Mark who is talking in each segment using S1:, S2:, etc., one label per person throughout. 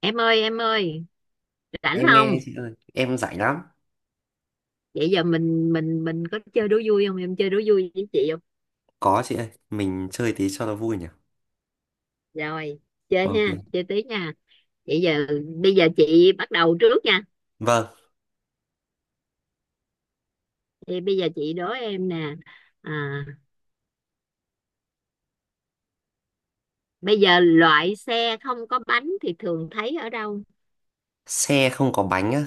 S1: Em ơi, em ơi, rảnh
S2: Em nghe
S1: không?
S2: chị ơi, em rảnh lắm.
S1: Vậy giờ mình có chơi đố vui không, em chơi đố vui với chị không?
S2: Có chị ơi, mình chơi tí cho nó vui nhỉ.
S1: Rồi, chơi ha,
S2: Ok.
S1: chơi tí nha. Vậy giờ, bây giờ chị bắt đầu trước nha.
S2: Vâng.
S1: Thì bây giờ chị đố em nè. à, Bây giờ loại xe không có bánh thì thường thấy ở đâu?
S2: Xe không có bánh á?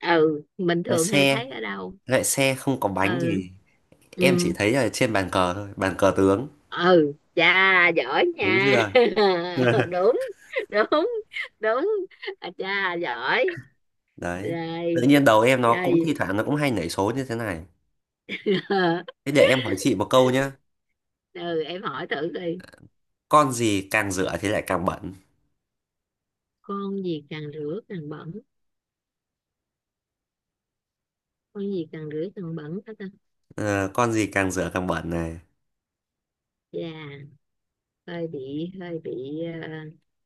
S1: Ừ, mình
S2: Cái
S1: thường hay
S2: xe,
S1: thấy ở đâu?
S2: loại xe không có bánh
S1: Ừ.
S2: thì em chỉ
S1: Ừ.
S2: thấy ở trên bàn cờ thôi, bàn cờ tướng.
S1: Ừ, chà giỏi
S2: Đúng
S1: nha
S2: chưa?
S1: đúng. Đúng. Đúng. À, chà giỏi.
S2: Đấy, tự
S1: Rồi.
S2: nhiên đầu em nó cũng
S1: Rồi.
S2: thi thoảng nó cũng hay nảy số như thế này. Thế để em hỏi chị một câu nhá.
S1: Ừ, em hỏi thử đi.
S2: Con gì càng rửa thì lại càng bẩn?
S1: Con gì càng rửa càng bẩn? Con gì càng rửa càng bẩn hết ta?
S2: Ờ, con gì càng rửa càng bẩn này.
S1: Dạ. hơi bị hơi bị ờ,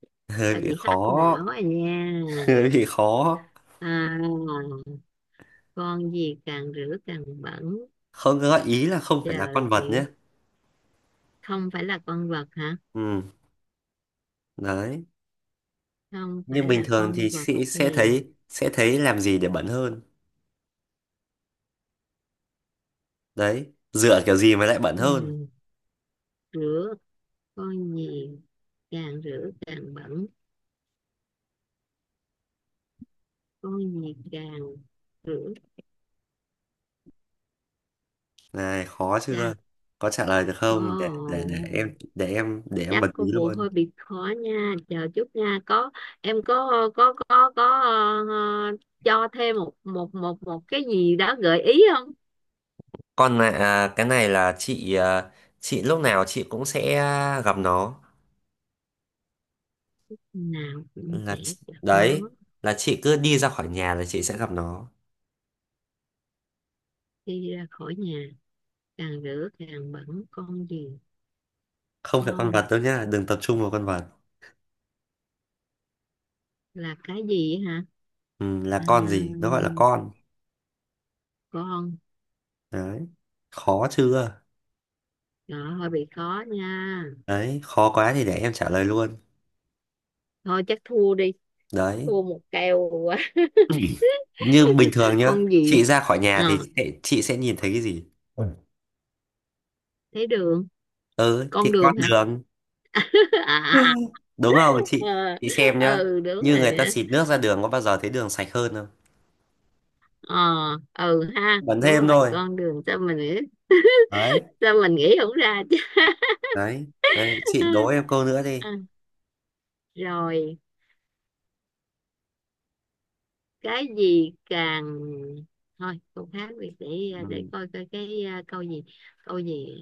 S2: Hơi
S1: Hơi
S2: bị
S1: bị hắc
S2: khó.
S1: não à nha.
S2: Hơi bị khó.
S1: à con gì càng rửa càng bẩn?
S2: Không, gợi ý là không phải là
S1: Chờ
S2: con vật
S1: chị.
S2: nhé.
S1: Không phải là con vật hả?
S2: Ừ. Đấy.
S1: Không phải
S2: Nhưng
S1: là
S2: bình thường
S1: con
S2: thì
S1: vật.
S2: sẽ
S1: Thì,
S2: thấy, sẽ thấy làm gì để bẩn hơn? Đấy, dựa kiểu gì mà lại bẩn hơn?
S1: ừ, rửa, con gì càng rửa càng bẩn, con gì càng rửa
S2: Này khó
S1: càng...
S2: chưa? Có trả lời được
S1: Ồ,
S2: không để em
S1: chắc
S2: bật mí
S1: cô bộ
S2: luôn?
S1: hơi bị khó nha, chờ chút nha, có em có, có, có, có. ờ, cho thêm một một một một cái gì đó gợi ý không?
S2: Còn là cái này là chị, chị lúc nào chị cũng sẽ gặp nó,
S1: Nào cũng
S2: là
S1: sẽ gặp
S2: đấy,
S1: nó.
S2: là chị cứ đi ra khỏi nhà là chị sẽ gặp nó.
S1: Khi ra khỏi nhà. Càng rửa càng bẩn con gì?
S2: Không phải con
S1: Con
S2: vật đâu nhá, đừng tập trung vào con vật.
S1: là cái gì hả?
S2: Ừ,
S1: À,
S2: là con gì nó gọi là con.
S1: con.
S2: Đấy. Khó chưa?
S1: Đó hơi bị khó nha.
S2: Đấy, khó quá thì để em trả lời luôn.
S1: Thôi chắc thua đi.
S2: Đấy.
S1: Thua một kèo quá.
S2: Như bình thường nhá,
S1: Con gì?
S2: chị ra khỏi nhà thì
S1: Ờ,
S2: chị sẽ nhìn thấy cái gì? Ôi.
S1: thấy đường.
S2: Ừ thì
S1: Con
S2: con
S1: đường hả?
S2: đường. Ừ,
S1: À, à.
S2: đúng không chị?
S1: Ờ,
S2: Chị xem nhá,
S1: ừ đúng
S2: như người
S1: rồi
S2: ta
S1: á.
S2: xịt nước ra đường có bao giờ thấy đường sạch hơn không?
S1: Ờ, ừ ha,
S2: Bẩn
S1: đúng
S2: thêm
S1: rồi
S2: thôi.
S1: con đường, sao mình nghĩ,
S2: Đấy.
S1: sao mình nghĩ không ra chứ?
S2: Đấy, đấy. Chị đố em câu nữa đi.
S1: À, rồi, cái gì càng... thôi câu khác đi để, để
S2: Ừ.
S1: coi coi cái câu gì, câu gì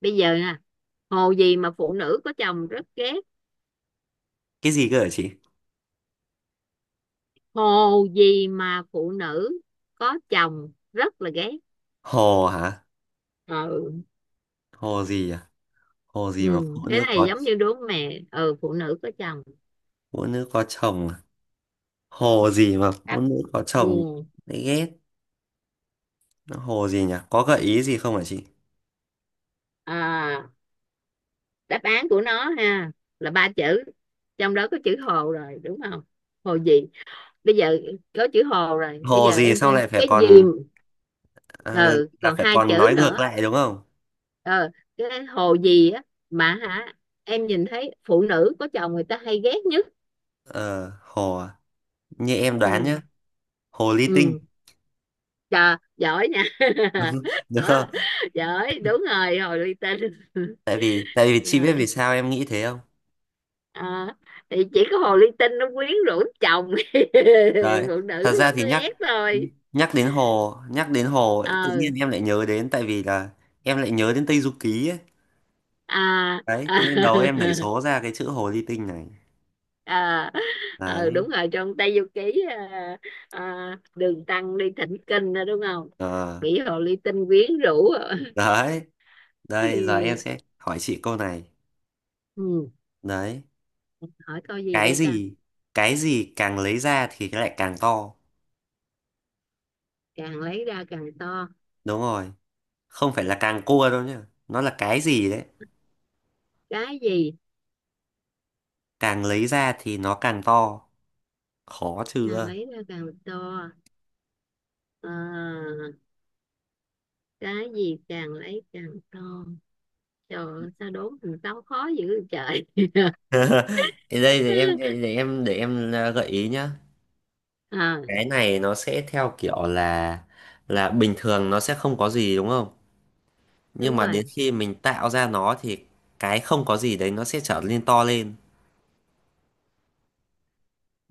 S1: bây giờ nè. Hồ gì mà phụ nữ có chồng rất ghét?
S2: Cái gì cơ hả chị?
S1: Hồ gì mà phụ nữ có chồng rất là ghét?
S2: Hồ hả?
S1: Ừ.
S2: Hồ gì à? Hồ gì mà
S1: Ừ.
S2: phụ
S1: Cái
S2: nữ
S1: này
S2: có.
S1: giống như đố mẹ, ừ, phụ nữ có chồng.
S2: Phụ nữ có chồng à? Hồ gì mà phụ
S1: Đáp.
S2: nữ có
S1: Ừ.
S2: chồng. Đấy, ghét. Nó hồ gì nhỉ, có gợi ý gì không hả chị?
S1: À, đáp án của nó ha, là ba chữ, trong đó có chữ hồ rồi đúng không? Hồ gì bây giờ. Có chữ hồ rồi, bây
S2: Hồ
S1: giờ
S2: gì
S1: em
S2: xong
S1: xem
S2: lại phải
S1: cái gì.
S2: còn. À,
S1: Ừ,
S2: là
S1: còn
S2: phải
S1: hai
S2: còn
S1: chữ
S2: nói ngược
S1: nữa.
S2: lại đúng không?
S1: Ờ, cái hồ gì á, mà hả? Em nhìn thấy phụ nữ có chồng người ta hay ghét nhất.
S2: Ờ, hồ à? Như em đoán
S1: Ừ.
S2: nhá, hồ ly tinh.
S1: Ừ. Trời, giỏi nha
S2: Đúng
S1: Ờ,
S2: không?
S1: giỏi, đúng rồi hồ ly tinh
S2: Tại vì, tại vì chị biết vì
S1: rồi.
S2: sao em nghĩ thế không?
S1: Ờ, thì chỉ có hồ ly tinh nó quyến rũ chồng
S2: Đấy,
S1: phụ nữ
S2: thật ra
S1: mới
S2: thì
S1: cứ
S2: nhắc,
S1: ghét thôi.
S2: nhắc đến hồ ấy, tự
S1: Ờ,
S2: nhiên em lại nhớ đến, tại vì là em lại nhớ đến Tây Du Ký ấy.
S1: à,
S2: Đấy,
S1: à,
S2: thế nên đầu em nảy số ra cái chữ hồ ly tinh này.
S1: à, ờ,
S2: Đấy.
S1: đúng rồi trong Tây Du Ký, à, à, đường Tăng đi thỉnh kinh đó đúng không?
S2: Ờ,
S1: Bỉ hồ ly tinh quyến rũ
S2: đấy, đây giờ em
S1: Thì,
S2: sẽ hỏi chị câu này.
S1: ừ,
S2: Đấy,
S1: hỏi câu gì
S2: cái
S1: đây ta?
S2: gì, cái gì càng lấy ra thì lại càng to.
S1: Càng lấy ra càng to,
S2: Đúng rồi. Không phải là càng cua đâu nhá, nó là cái gì đấy
S1: cái gì
S2: càng lấy ra thì nó càng to. Khó
S1: càng
S2: chưa?
S1: lấy ra càng to? À, cái gì càng lấy càng to? Trời ơi, sao đố mình táo khó dữ vậy trời.
S2: Thì đây để em gợi ý nhá.
S1: À,
S2: Cái này nó sẽ theo kiểu là bình thường nó sẽ không có gì đúng không, nhưng
S1: đúng
S2: mà đến
S1: rồi.
S2: khi mình tạo ra nó thì cái không có gì đấy nó sẽ trở nên to lên.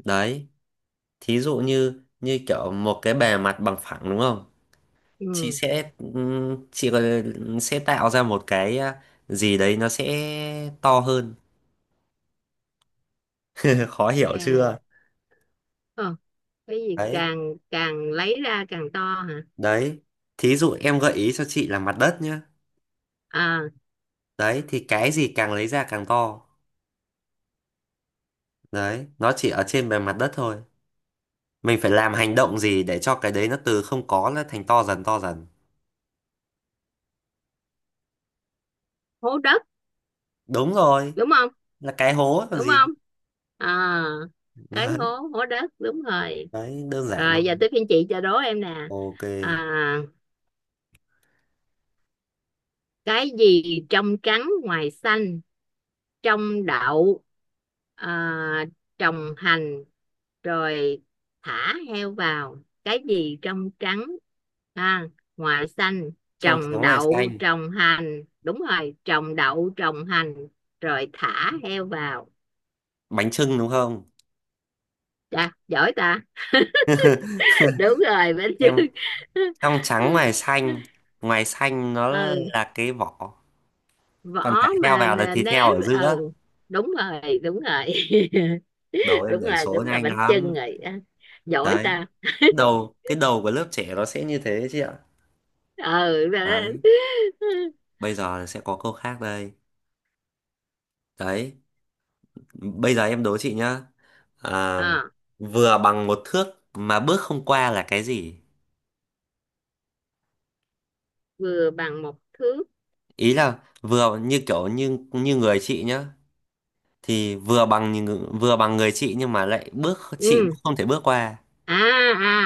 S2: Đấy, thí dụ như như kiểu một cái bề mặt bằng phẳng đúng không, chị
S1: Ừ,
S2: sẽ chị gọi là, sẽ tạo ra một cái gì đấy nó sẽ to hơn. Khó hiểu chưa?
S1: càng... Ờ, cái gì
S2: Đấy.
S1: càng càng lấy ra càng to hả?
S2: Đấy, thí dụ em gợi ý cho chị là mặt đất nhá.
S1: À,
S2: Đấy thì cái gì càng lấy ra càng to, đấy nó chỉ ở trên bề mặt đất thôi, mình phải làm hành động gì để cho cái đấy nó từ không có nó thành to dần, to dần.
S1: hố đất,
S2: Đúng rồi,
S1: đúng không?
S2: là cái hố ấy còn
S1: Đúng
S2: gì.
S1: không? À, cái
S2: Đấy.
S1: hố, hố đất đúng rồi.
S2: Đấy, đơn giản thôi.
S1: Rồi, giờ tới phiên chị cho đố em nè.
S2: Ok.
S1: À, cái gì trong trắng ngoài xanh, trong đậu, à, trồng hành, rồi thả heo vào, cái gì trong trắng ha, ngoại xanh,
S2: Trong
S1: trồng
S2: trắng ngoài
S1: đậu
S2: xanh.
S1: trồng hành, đúng rồi, trồng đậu trồng hành, rồi thả heo vào.
S2: Bánh chưng đúng không?
S1: Chà, giỏi ta, đúng rồi bên
S2: Em,
S1: chương
S2: trong trắng ngoài xanh, ngoài xanh nó
S1: ừ,
S2: là cái vỏ, còn
S1: vỏ
S2: thả heo
S1: mà,
S2: vào là thịt heo
S1: nếp,
S2: ở giữa.
S1: ừ, đúng rồi. Đúng rồi.
S2: Đồ em
S1: Đúng
S2: đẩy
S1: rồi,
S2: số
S1: đúng là
S2: nhanh
S1: bánh chưng
S2: lắm.
S1: rồi. À, giỏi
S2: Đấy,
S1: ta.
S2: đầu, cái đầu của lớp trẻ nó sẽ như thế chị ạ.
S1: Ừ rồi.
S2: Đấy, bây giờ sẽ có câu khác đây. Đấy, bây giờ em đố chị nhá. à,
S1: Ờ,
S2: vừa bằng một thước mà bước không qua là cái gì?
S1: vừa bằng một thước,
S2: Ý là vừa như kiểu như như người chị nhá, thì vừa bằng như vừa bằng người chị nhưng mà lại bước chị
S1: ừ,
S2: không thể bước qua.
S1: à,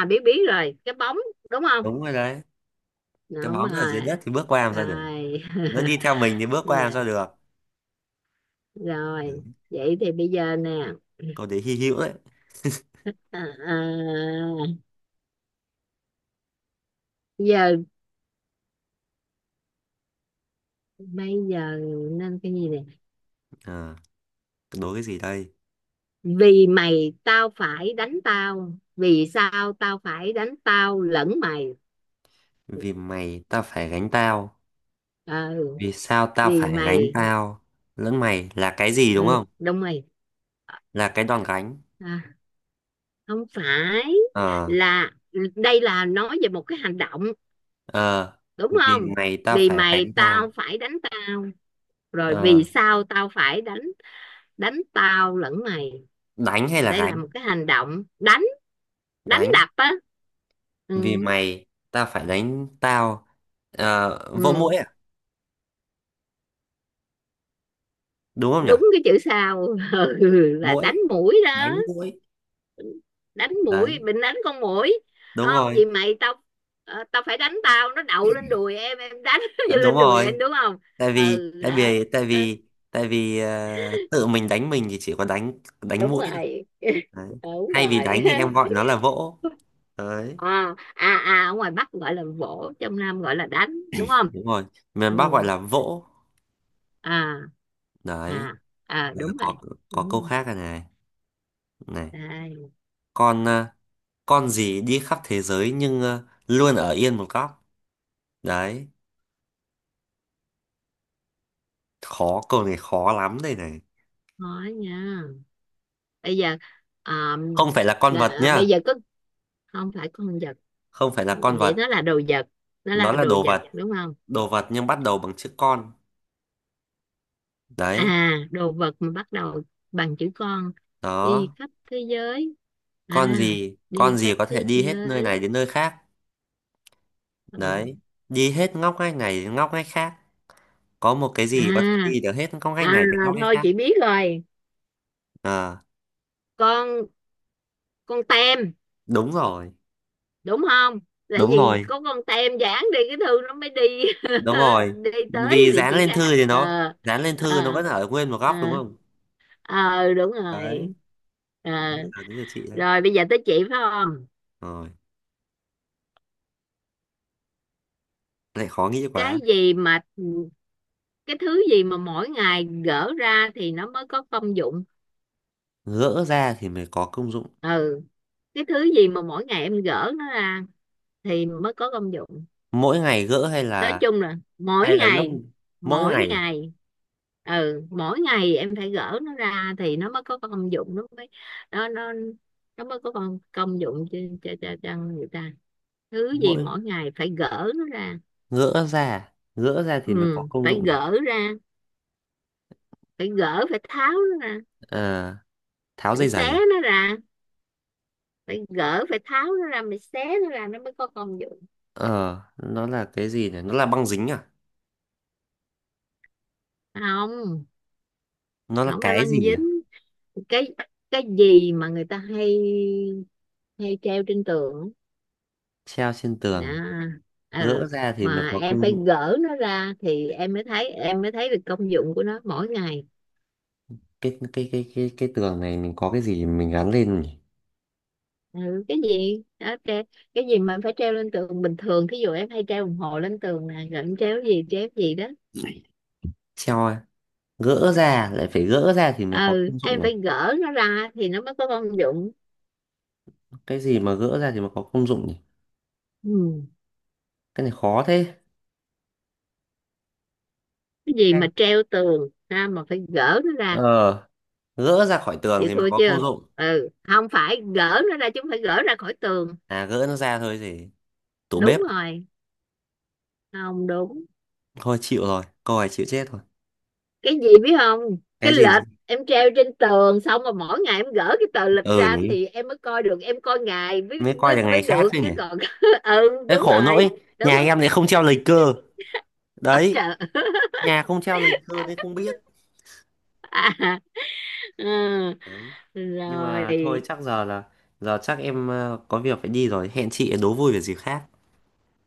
S1: à, biết biết rồi cái bóng, đúng không?
S2: Đúng rồi đấy. Cái
S1: Đúng
S2: bóng ở
S1: rồi.
S2: dưới đất thì bước qua làm sao được,
S1: Rồi
S2: nó đi theo mình thì bước qua làm sao
S1: rồi.
S2: được.
S1: Rồi. Vậy thì bây giờ nè,
S2: Câu đấy hy hữu đấy.
S1: à, à, giờ, bây giờ nên cái gì nè.
S2: À, đố cái gì đây?
S1: Vì mày tao phải đánh tao, vì sao tao phải đánh tao lẫn mày?
S2: Vì mày tao phải gánh tao,
S1: Ờ,
S2: vì sao tao
S1: vì
S2: phải gánh
S1: mày.
S2: tao lẫn mày là cái gì đúng
S1: Ừ,
S2: không?
S1: đúng rồi.
S2: Là cái đòn gánh.
S1: À, không phải
S2: Ờ.
S1: là... đây là nói về một cái hành động,
S2: Ờ,
S1: đúng
S2: vì
S1: không?
S2: mày tao
S1: Vì
S2: phải gánh
S1: mày
S2: tao.
S1: tao phải đánh tao, rồi vì
S2: Ờ,
S1: sao tao phải đánh, đánh tao lẫn mày?
S2: đánh hay là
S1: Đây là
S2: gánh?
S1: một cái hành động đánh, đánh
S2: Đánh.
S1: đập á. Ừ.
S2: Vì mày tao phải đánh tao. Ờ, vỗ muỗi
S1: Ừ.
S2: à? Đúng không nhỉ?
S1: Đúng, cái chữ sao là đánh
S2: Muỗi,
S1: mũi đó.
S2: đánh muỗi.
S1: Đánh mũi,
S2: Đấy,
S1: mình đánh con mũi.
S2: đúng
S1: Không,
S2: rồi.
S1: vì mày tao, tao phải đánh tao, nó đậu lên đùi em đánh.
S2: Ờ, đúng
S1: Lên đùi
S2: rồi.
S1: em đúng không?
S2: Tại vì,
S1: Ừ
S2: tại
S1: đó.
S2: vì, tại vì, tại vì tự mình đánh mình thì chỉ có đánh đánh
S1: Đúng
S2: muỗi thôi.
S1: rồi.
S2: Đấy.
S1: Đúng
S2: Thay vì
S1: rồi.
S2: đánh thì em gọi nó là vỗ. Đấy.
S1: À, à, à, ở ngoài Bắc gọi là vỗ, trong Nam gọi là đánh, đúng không?
S2: Đúng rồi,
S1: Ừ.
S2: miền Bắc gọi là vỗ.
S1: À, à,
S2: Đấy.
S1: à,
S2: Rồi
S1: đúng rồi.
S2: có
S1: Đúng
S2: câu
S1: rồi.
S2: khác này này này.
S1: Đây,
S2: Con con gì đi khắp thế giới nhưng luôn ở yên một góc. Đấy, khó, câu này khó lắm đây này.
S1: nói nha bây giờ, à,
S2: Không phải là con
S1: nè,
S2: vật nhá.
S1: bây giờ cứ, không phải con vật,
S2: Không phải là con
S1: vậy
S2: vật,
S1: nó là đồ vật, nó là
S2: nó là
S1: đồ
S2: đồ
S1: vật
S2: vật.
S1: đúng không?
S2: Đồ vật nhưng bắt đầu bằng chữ con. Đấy.
S1: À, đồ vật mà bắt đầu bằng chữ con, đi
S2: Đó.
S1: khắp thế giới.
S2: Con
S1: À,
S2: gì, con
S1: đi
S2: gì
S1: khắp
S2: có thể
S1: thế
S2: đi hết nơi này
S1: giới.
S2: đến nơi khác.
S1: À,
S2: Đấy, đi hết ngóc ngách này đến ngóc ngách khác, có một cái gì có thể
S1: à,
S2: đi được hết ngóc ngách này đến
S1: à,
S2: ngóc ngách
S1: thôi
S2: khác.
S1: chị biết rồi,
S2: Ờ.
S1: con con tem,
S2: Đúng rồi.
S1: đúng không? Tại
S2: Đúng
S1: vì
S2: rồi.
S1: có con tem dán, đi cái thư nó mới đi.
S2: Đúng rồi,
S1: Đi tới
S2: vì
S1: địa
S2: dán
S1: chỉ
S2: lên thư
S1: khác,
S2: thì
S1: ờ,
S2: nó, dán lên
S1: ờ,
S2: thư nó vẫn ở nguyên một
S1: ờ,
S2: góc đúng không.
S1: ờ, đúng
S2: Đấy.
S1: rồi. Ờ,
S2: Giờ đến lượt chị đấy.
S1: rồi bây giờ tới chị phải không?
S2: Rồi, lại khó nghĩ quá.
S1: Cái gì mà, cái thứ gì mà mỗi ngày gỡ ra thì nó mới có công dụng?
S2: Gỡ ra thì mới có công dụng.
S1: Ừ, cái thứ gì mà mỗi ngày em gỡ nó ra thì mới có công dụng.
S2: Mỗi ngày gỡ hay
S1: Nói
S2: là,
S1: chung là mỗi
S2: hay là lúc.
S1: ngày,
S2: Mỗi
S1: mỗi
S2: ngày à?
S1: ngày. Ừ, mỗi ngày em phải gỡ nó ra thì nó mới có công dụng, nó nó nó mới có công công dụng cho người ta. Thứ gì
S2: Mỗi,
S1: mỗi ngày phải gỡ nó ra?
S2: gỡ ra, gỡ ra thì mới có
S1: Ừ,
S2: công
S1: phải
S2: dụng.
S1: gỡ ra, phải gỡ, phải tháo nó ra,
S2: À, tháo
S1: phải
S2: dây giày
S1: xé
S2: à?
S1: nó ra, phải gỡ, phải tháo nó ra, phải xé nó ra, nó mới có công dụng.
S2: Ờ, nó là cái gì nhỉ, nó là băng dính à?
S1: Không,
S2: Nó là
S1: không phải
S2: cái gì
S1: băng
S2: nhỉ?
S1: dính. Cái cái gì mà người ta hay hay treo trên tường á,
S2: Treo trên
S1: đó.
S2: tường.
S1: Ừ.
S2: Gỡ ra thì mới
S1: Mà
S2: có
S1: em
S2: công
S1: phải
S2: dụng.
S1: gỡ nó ra thì em mới thấy được công dụng của nó mỗi ngày.
S2: Cái tường này mình có cái gì mình gắn lên nhỉ?
S1: Ừ. Cái gì đó, cái gì mà em phải treo lên tường, bình thường thí dụ em hay treo đồng hồ lên tường nè, rồi em treo cái gì, treo cái gì đó?
S2: Treo à? Gỡ ra à? Lại phải gỡ ra thì mới có
S1: Ừ,
S2: công
S1: em
S2: dụng à?
S1: phải gỡ nó ra thì nó mới có công dụng.
S2: Cái gì mà gỡ ra thì mới có công dụng nhỉ?
S1: Ừ.
S2: Cái này khó thế.
S1: Cái gì mà
S2: Em.
S1: treo tường ra mà phải gỡ nó ra?
S2: Ờ, gỡ ra khỏi tường
S1: Vậy
S2: thì mới
S1: thua
S2: có
S1: chưa?
S2: công dụng.
S1: Ừ, không phải gỡ nó ra, chúng phải gỡ ra khỏi tường.
S2: À, gỡ nó ra thôi gì. Tủ bếp.
S1: Đúng rồi. Không đúng.
S2: Thôi chịu rồi, câu này chịu chết rồi.
S1: Cái gì biết không?
S2: Cái
S1: Cái
S2: gì?
S1: lịch em treo trên tường xong, mà mỗi ngày em gỡ cái tờ lịch
S2: Ừ
S1: ra
S2: nhỉ,
S1: thì em mới coi được, em coi ngày mới
S2: mới coi
S1: mới,
S2: là
S1: mới
S2: ngày khác
S1: được
S2: chứ nhỉ.
S1: chứ, còn ừ
S2: Cái
S1: đúng
S2: khổ nỗi
S1: rồi. Đúng
S2: nhà
S1: rồi.
S2: em lại không treo lịch cơ.
S1: Ôi
S2: Đấy,
S1: trời.
S2: nhà không treo lịch cơ nên không biết.
S1: À, ừ,
S2: Đấy. Nhưng mà thôi,
S1: rồi.
S2: chắc giờ là, giờ chắc em có việc phải đi rồi. Hẹn chị đố vui về dịp khác.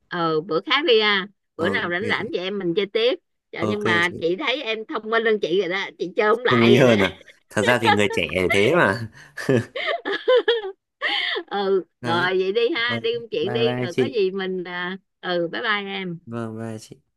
S1: Ừ, bữa khác đi ha, bữa
S2: Ờ, ok
S1: nào rảnh
S2: chị.
S1: rảnh chị em mình chơi tiếp. Trời,
S2: Ok
S1: nhưng mà
S2: chị.
S1: chị thấy em thông minh hơn chị rồi đó, chị chơi không
S2: Thông
S1: lại
S2: minh
S1: rồi đó.
S2: hơn à? Thật ra thì người trẻ thế mà.
S1: Ừ
S2: Đấy.
S1: rồi, vậy đi ha,
S2: Vâng.
S1: đi công chuyện
S2: Bye
S1: đi,
S2: bye
S1: rồi có
S2: chị.
S1: gì mình bye bye em.
S2: Vâng bye chị.